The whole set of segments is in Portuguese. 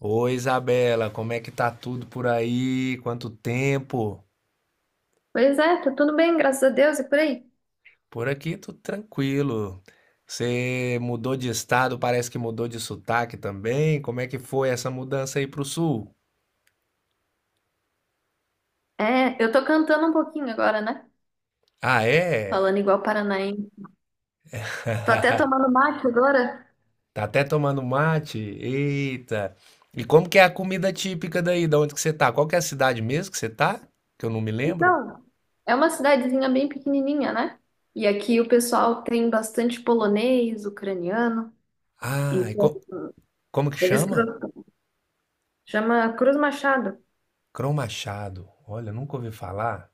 Oi, Isabela, como é que tá tudo por aí? Quanto tempo? Pois é, tá tudo bem, graças a Deus e por aí. Por aqui tudo tranquilo. Você mudou de estado, parece que mudou de sotaque também. Como é que foi essa mudança aí pro sul? É, eu tô cantando um pouquinho agora, né? Ah, é? Falando igual paranaense. Tô até tomando mate agora. Tá até tomando mate? Eita! E como que é a comida típica daí, da onde que você tá? Qual que é a cidade mesmo que você tá? Que eu não me lembro. Então, é uma cidadezinha bem pequenininha, né? E aqui o pessoal tem bastante polonês, ucraniano. Ah, Então, como que eles chama? cru- chama Cruz Machado. Crão Machado. Olha, nunca ouvi falar.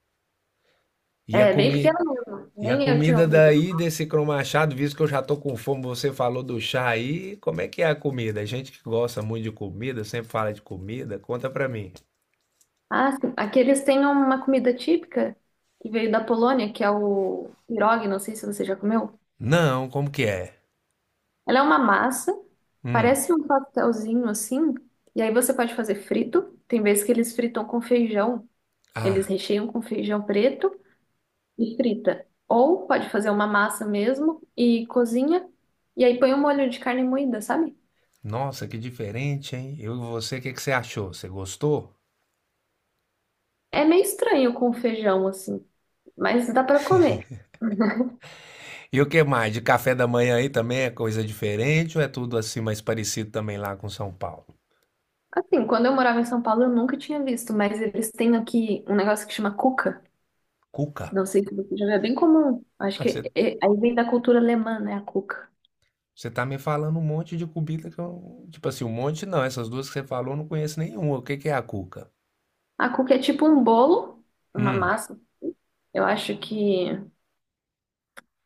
Ia É bem comer. pequeno mesmo, E a nem eu tinha comida ouvido. daí desse cromachado, visto que eu já tô com fome, você falou do chá aí, como é que é a comida? A gente que gosta muito de comida, sempre fala de comida, conta pra mim. Ah, sim. Aqui eles têm uma comida típica que veio da Polônia, que é o pierogi, não sei se você já comeu. Não, como que é? Ela é uma massa, Hum. parece um pastelzinho assim, e aí você pode fazer frito. Tem vezes que eles fritam com feijão, eles Ah, recheiam com feijão preto e frita. Ou pode fazer uma massa mesmo e cozinha, e aí põe um molho de carne moída, sabe? nossa, que diferente, hein? Eu e você, o que que você achou? Você gostou? É meio estranho com feijão assim, mas dá pra comer. E o que mais? De café da manhã aí também é coisa diferente ou é tudo assim mais parecido também lá com São Paulo? Assim, quando eu morava em São Paulo, eu nunca tinha visto, mas eles têm aqui um negócio que chama cuca. Cuca? Não sei se você já viu, é bem comum. Acho Ah, que aí vem da cultura alemã, né, a cuca. você tá me falando um monte de comida que eu. Tipo assim, um monte não. Essas duas que você falou eu não conheço nenhuma. O que que é a cuca? A cuca é tipo um bolo, uma Hum, massa. Eu acho que.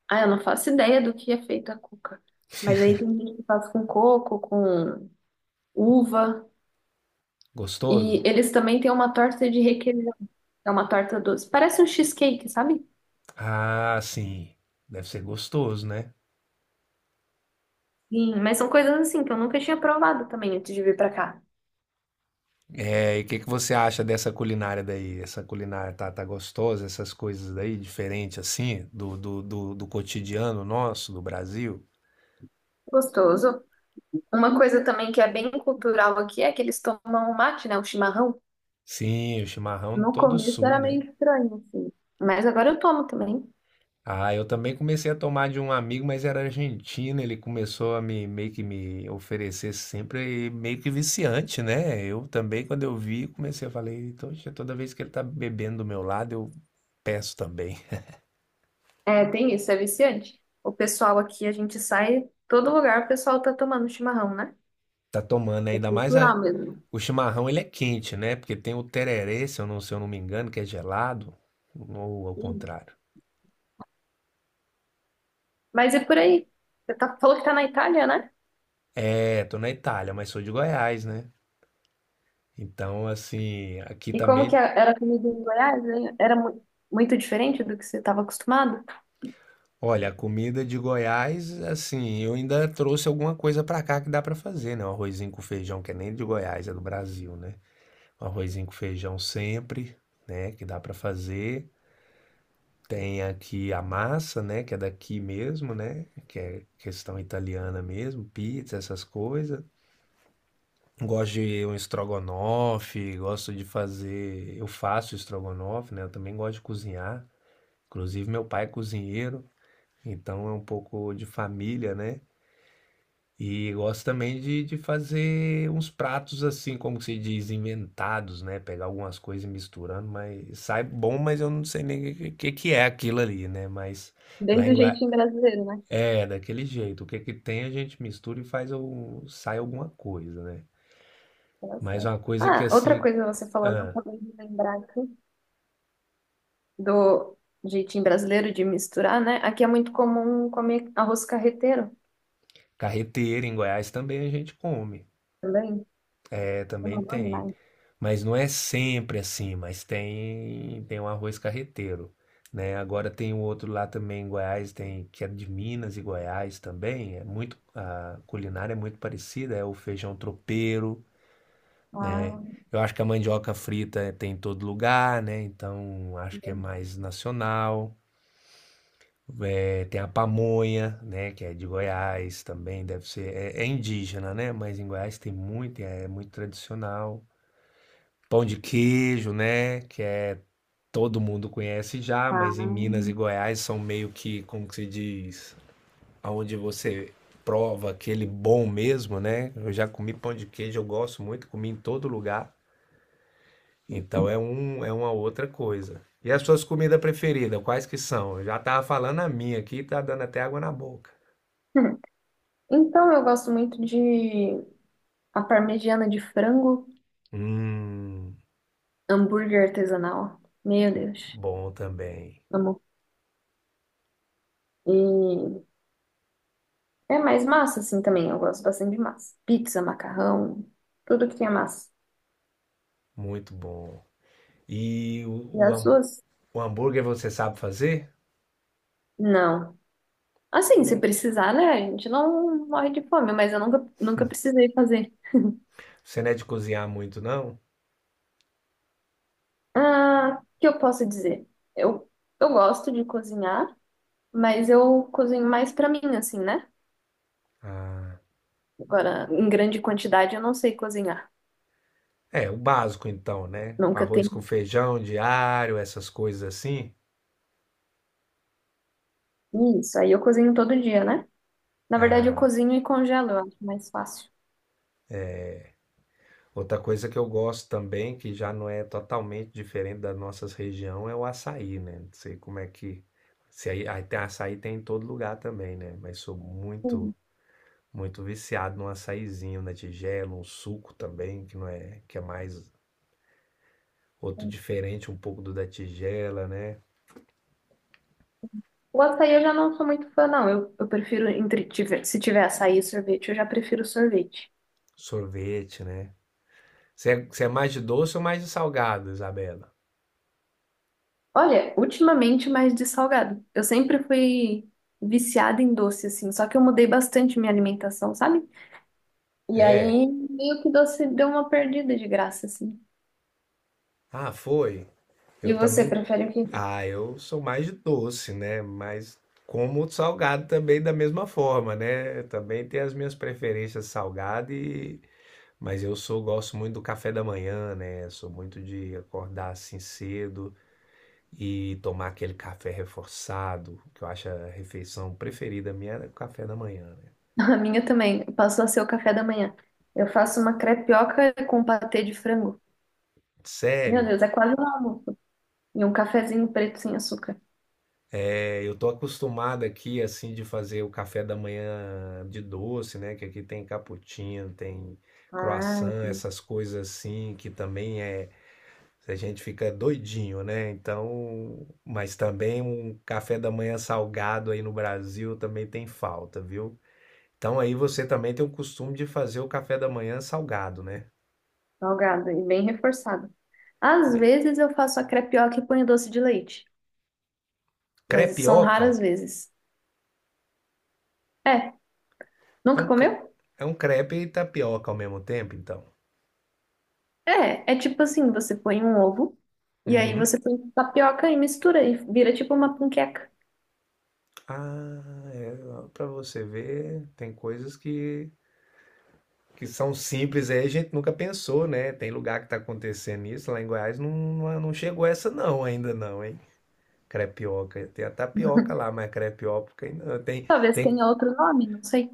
Ah, eu não faço ideia do que é feita a cuca. Mas aí tem gente que faz com coco, com uva. E gostoso? eles também têm uma torta de requeijão, que é uma torta doce. Parece um cheesecake, sabe? Ah, sim. Deve ser gostoso, né? Sim, mas são coisas assim que eu nunca tinha provado também antes de vir pra cá. É, e o que que você acha dessa culinária daí? Essa culinária tá gostosa, essas coisas daí, diferente assim, do cotidiano nosso, do Brasil? Gostoso. Uma coisa também que é bem cultural aqui é que eles tomam mate, né? O chimarrão. Sim, o chimarrão No todo começo sul, era meio né? estranho, assim. Mas agora eu tomo também. Ah, eu também comecei a tomar de um amigo, mas era argentino, ele começou a me meio que me oferecer sempre e meio que viciante, né? Eu também, quando eu vi, comecei a falar, "Eita, oxe, toda vez que ele tá bebendo do meu lado, eu peço também." É, tem isso, é viciante. O pessoal aqui, a gente sai, todo lugar o pessoal tá tomando chimarrão, né? Tá tomando né? É cultural mesmo. O chimarrão, ele é quente, né? Porque tem o tererê, se eu não me engano, que é gelado, ou ao Isso. contrário. Mas e por aí? Você tá, falou que tá na Itália, né? É, tô na Itália, mas sou de Goiás, né? Então, assim, aqui E como que também, era a comida em Goiás, né? Era muito diferente do que você estava acostumado? olha, a comida de Goiás, assim, eu ainda trouxe alguma coisa pra cá que dá pra fazer, né? Um arrozinho com feijão, que é nem de Goiás, é do Brasil, né? Um arrozinho com feijão sempre, né, que dá pra fazer. Tem aqui a massa, né, que é daqui mesmo, né, que é questão italiana mesmo, pizza, essas coisas. Gosto de um estrogonofe, gosto de fazer, eu faço estrogonofe, né, eu também gosto de cozinhar. Inclusive meu pai é cozinheiro, então é um pouco de família, né? E gosto também de fazer uns pratos assim, como se diz, inventados, né? Pegar algumas coisas e misturando, mas sai bom, mas eu não sei nem o que, que é aquilo ali, né? Mas... Bem Lá em, do Gua- jeitinho brasileiro, né? É, daquele jeito. O que que tem a gente mistura e faz o... sai alguma coisa, né? Olha Mas só. uma coisa que Ah, outra assim, coisa você falando, eu ah, acabei de lembrar aqui do jeitinho brasileiro de misturar, né? Aqui é muito comum comer arroz carreteiro carreteira em Goiás também a gente come. também. É, Eu também não gosto tem. mais. Mas não é sempre assim, mas tem um arroz carreteiro, né? Agora tem o outro lá também em Goiás, tem que é de Minas e Goiás também, é muito a culinária é muito parecida, é o feijão tropeiro, né? Ah, Eu acho que a mandioca frita tem em todo lugar, né? Então acho que é mais nacional. É, tem a pamonha, né? Que é de Goiás também, deve ser. É, é indígena, né? Mas em Goiás tem muito, é muito tradicional. Pão de queijo, né? Que é todo mundo conhece já, mas em Minas ah. e Goiás são meio que, como que se diz, aonde você prova aquele bom mesmo, né? Eu já comi pão de queijo, eu gosto muito, comi em todo lugar. Então é um, é uma outra coisa. E as suas comidas preferidas, quais que são? Eu já tava falando a minha aqui, tá dando até água na boca. Hum. Então, eu gosto muito de a parmegiana de frango, Hum, hambúrguer artesanal. Meu Deus, bom também. amo. E é mais massa, assim, também. Eu gosto bastante de massa. Pizza, macarrão, tudo que tenha massa. Muito bom. E E o, o, as ham- suas? o hambúrguer você sabe fazer? Não. Assim, se precisar, né? A gente não morre de fome, mas eu nunca, nunca precisei fazer. Você não é de cozinhar muito, não? Ah, o que eu posso dizer? Eu, eu gosto de cozinhar, mas eu cozinho mais pra mim, assim, né? Ah, Agora, em grande quantidade, eu não sei cozinhar. é, o básico então, né? Nunca Arroz com tem feijão diário, essas coisas assim. isso. Aí eu cozinho todo dia, né? Na verdade, eu Ah, cozinho e congelo, eu acho mais fácil. outra coisa que eu gosto também, que já não é totalmente diferente da nossa região, é o açaí, né? Não sei como é que. Se aí, Aí tem açaí tem em todo lugar também, né? Mas sou muito, Hum. muito viciado num açaizinho na tigela, um suco também, que não é, que é mais outro diferente um pouco do da tigela, né? O açaí eu já não sou muito fã, não. Eu prefiro, se tiver açaí e sorvete, eu já prefiro sorvete. Sorvete, né? Você é mais de doce ou mais de salgado, Isabela? Olha, ultimamente mais de salgado. Eu sempre fui viciada em doce, assim, só que eu mudei bastante minha alimentação, sabe? E É. aí, meio que doce deu uma perdida de graça, assim. Ah, foi. E Eu você também. prefere o quê? Ah, eu sou mais de doce, né? Mas como salgado também da mesma forma, né? Também tem as minhas preferências salgado e mas eu sou gosto muito do café da manhã, né? Sou muito de acordar assim cedo e tomar aquele café reforçado, que eu acho a refeição preferida minha é o café da manhã, né? A minha também. Passou a ser o café da manhã. Eu faço uma crepioca com patê de frango. Meu Sério, Deus, é quase um almoço. E um cafezinho preto sem açúcar. é, eu tô acostumado aqui, assim, de fazer o café da manhã de doce, né? Que aqui tem cappuccino, tem Ah, croissant, essas coisas assim, que também é. A gente fica doidinho, né? Então, mas também um café da manhã salgado aí no Brasil também tem falta, viu? Então aí você também tem o costume de fazer o café da manhã salgado, né? salgado e bem reforçado. Às Bem, vezes eu faço a crepioca e ponho doce de leite, mas são crepioca raras vezes. É, é nunca um, cre- comeu? é um crepe e tapioca ao mesmo tempo, então. É, é tipo assim, você põe um ovo e aí Uhum. você põe tapioca e mistura e vira tipo uma panqueca. Ah, é, para você ver, tem coisas que são simples aí, a gente nunca pensou, né? Tem lugar que tá acontecendo isso, lá em Goiás não, não chegou essa não, ainda não, hein? Crepioca, tem a tapioca lá, mas crepioca ainda não. Talvez tem, tenha outro nome, não sei.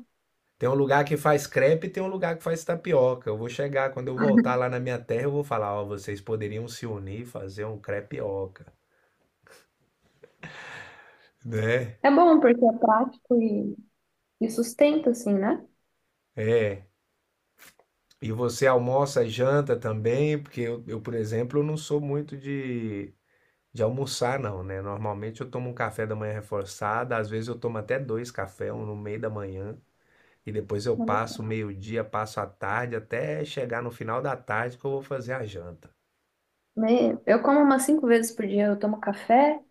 tem um lugar que faz crepe e tem um lugar que faz tapioca. Eu vou chegar, quando eu voltar lá na minha terra, eu vou falar, ó, vocês poderiam se unir e fazer um crepioca, né? É bom porque é prático e sustenta assim, né? É. E você almoça e janta também? Porque eu, por exemplo, eu não sou muito de almoçar, não, né? Normalmente eu tomo um café da manhã reforçado, às vezes eu tomo até dois cafés, um no meio da manhã, e depois eu passo o meio-dia, passo a tarde, até chegar no final da tarde que eu vou fazer a janta. Né? Eu como umas cinco vezes por dia, eu tomo café,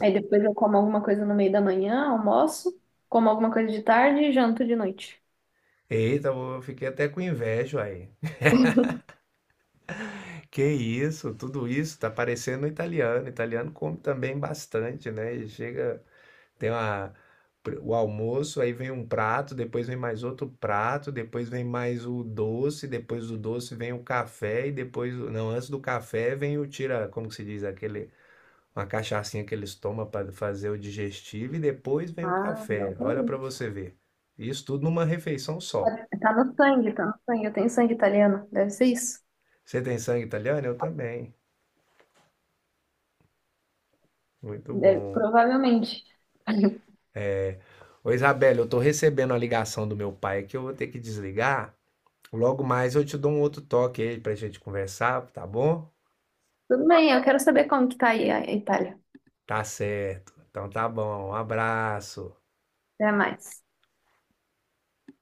aí depois eu como alguma coisa no meio da manhã, almoço, como alguma coisa de tarde e janto de noite. eita, eu fiquei até com inveja aí. Que isso, tudo isso tá parecendo italiano. Italiano come também bastante, né? E chega. Tem uma, o almoço, aí vem um prato, depois vem mais outro prato, depois vem mais o doce, depois do doce vem o café e depois, não, antes do café vem o tira, como que se diz, aquele uma cachaçinha que eles tomam para fazer o digestivo e depois vem o Ah, não, café. Olha para também. você ver. Isso tudo numa refeição só. É, tá no sangue, tá no sangue. Eu tenho sangue italiano, deve ser isso. Você tem sangue italiano? Eu também. Muito bom. Provavelmente. Ô Isabela, eu tô recebendo a ligação do meu pai aqui, eu vou ter que desligar. Logo mais eu te dou um outro toque aí pra gente conversar, tá bom? Tudo bem, eu quero saber como que tá aí a Itália. Tá certo. Então tá bom. Um abraço. Até mais.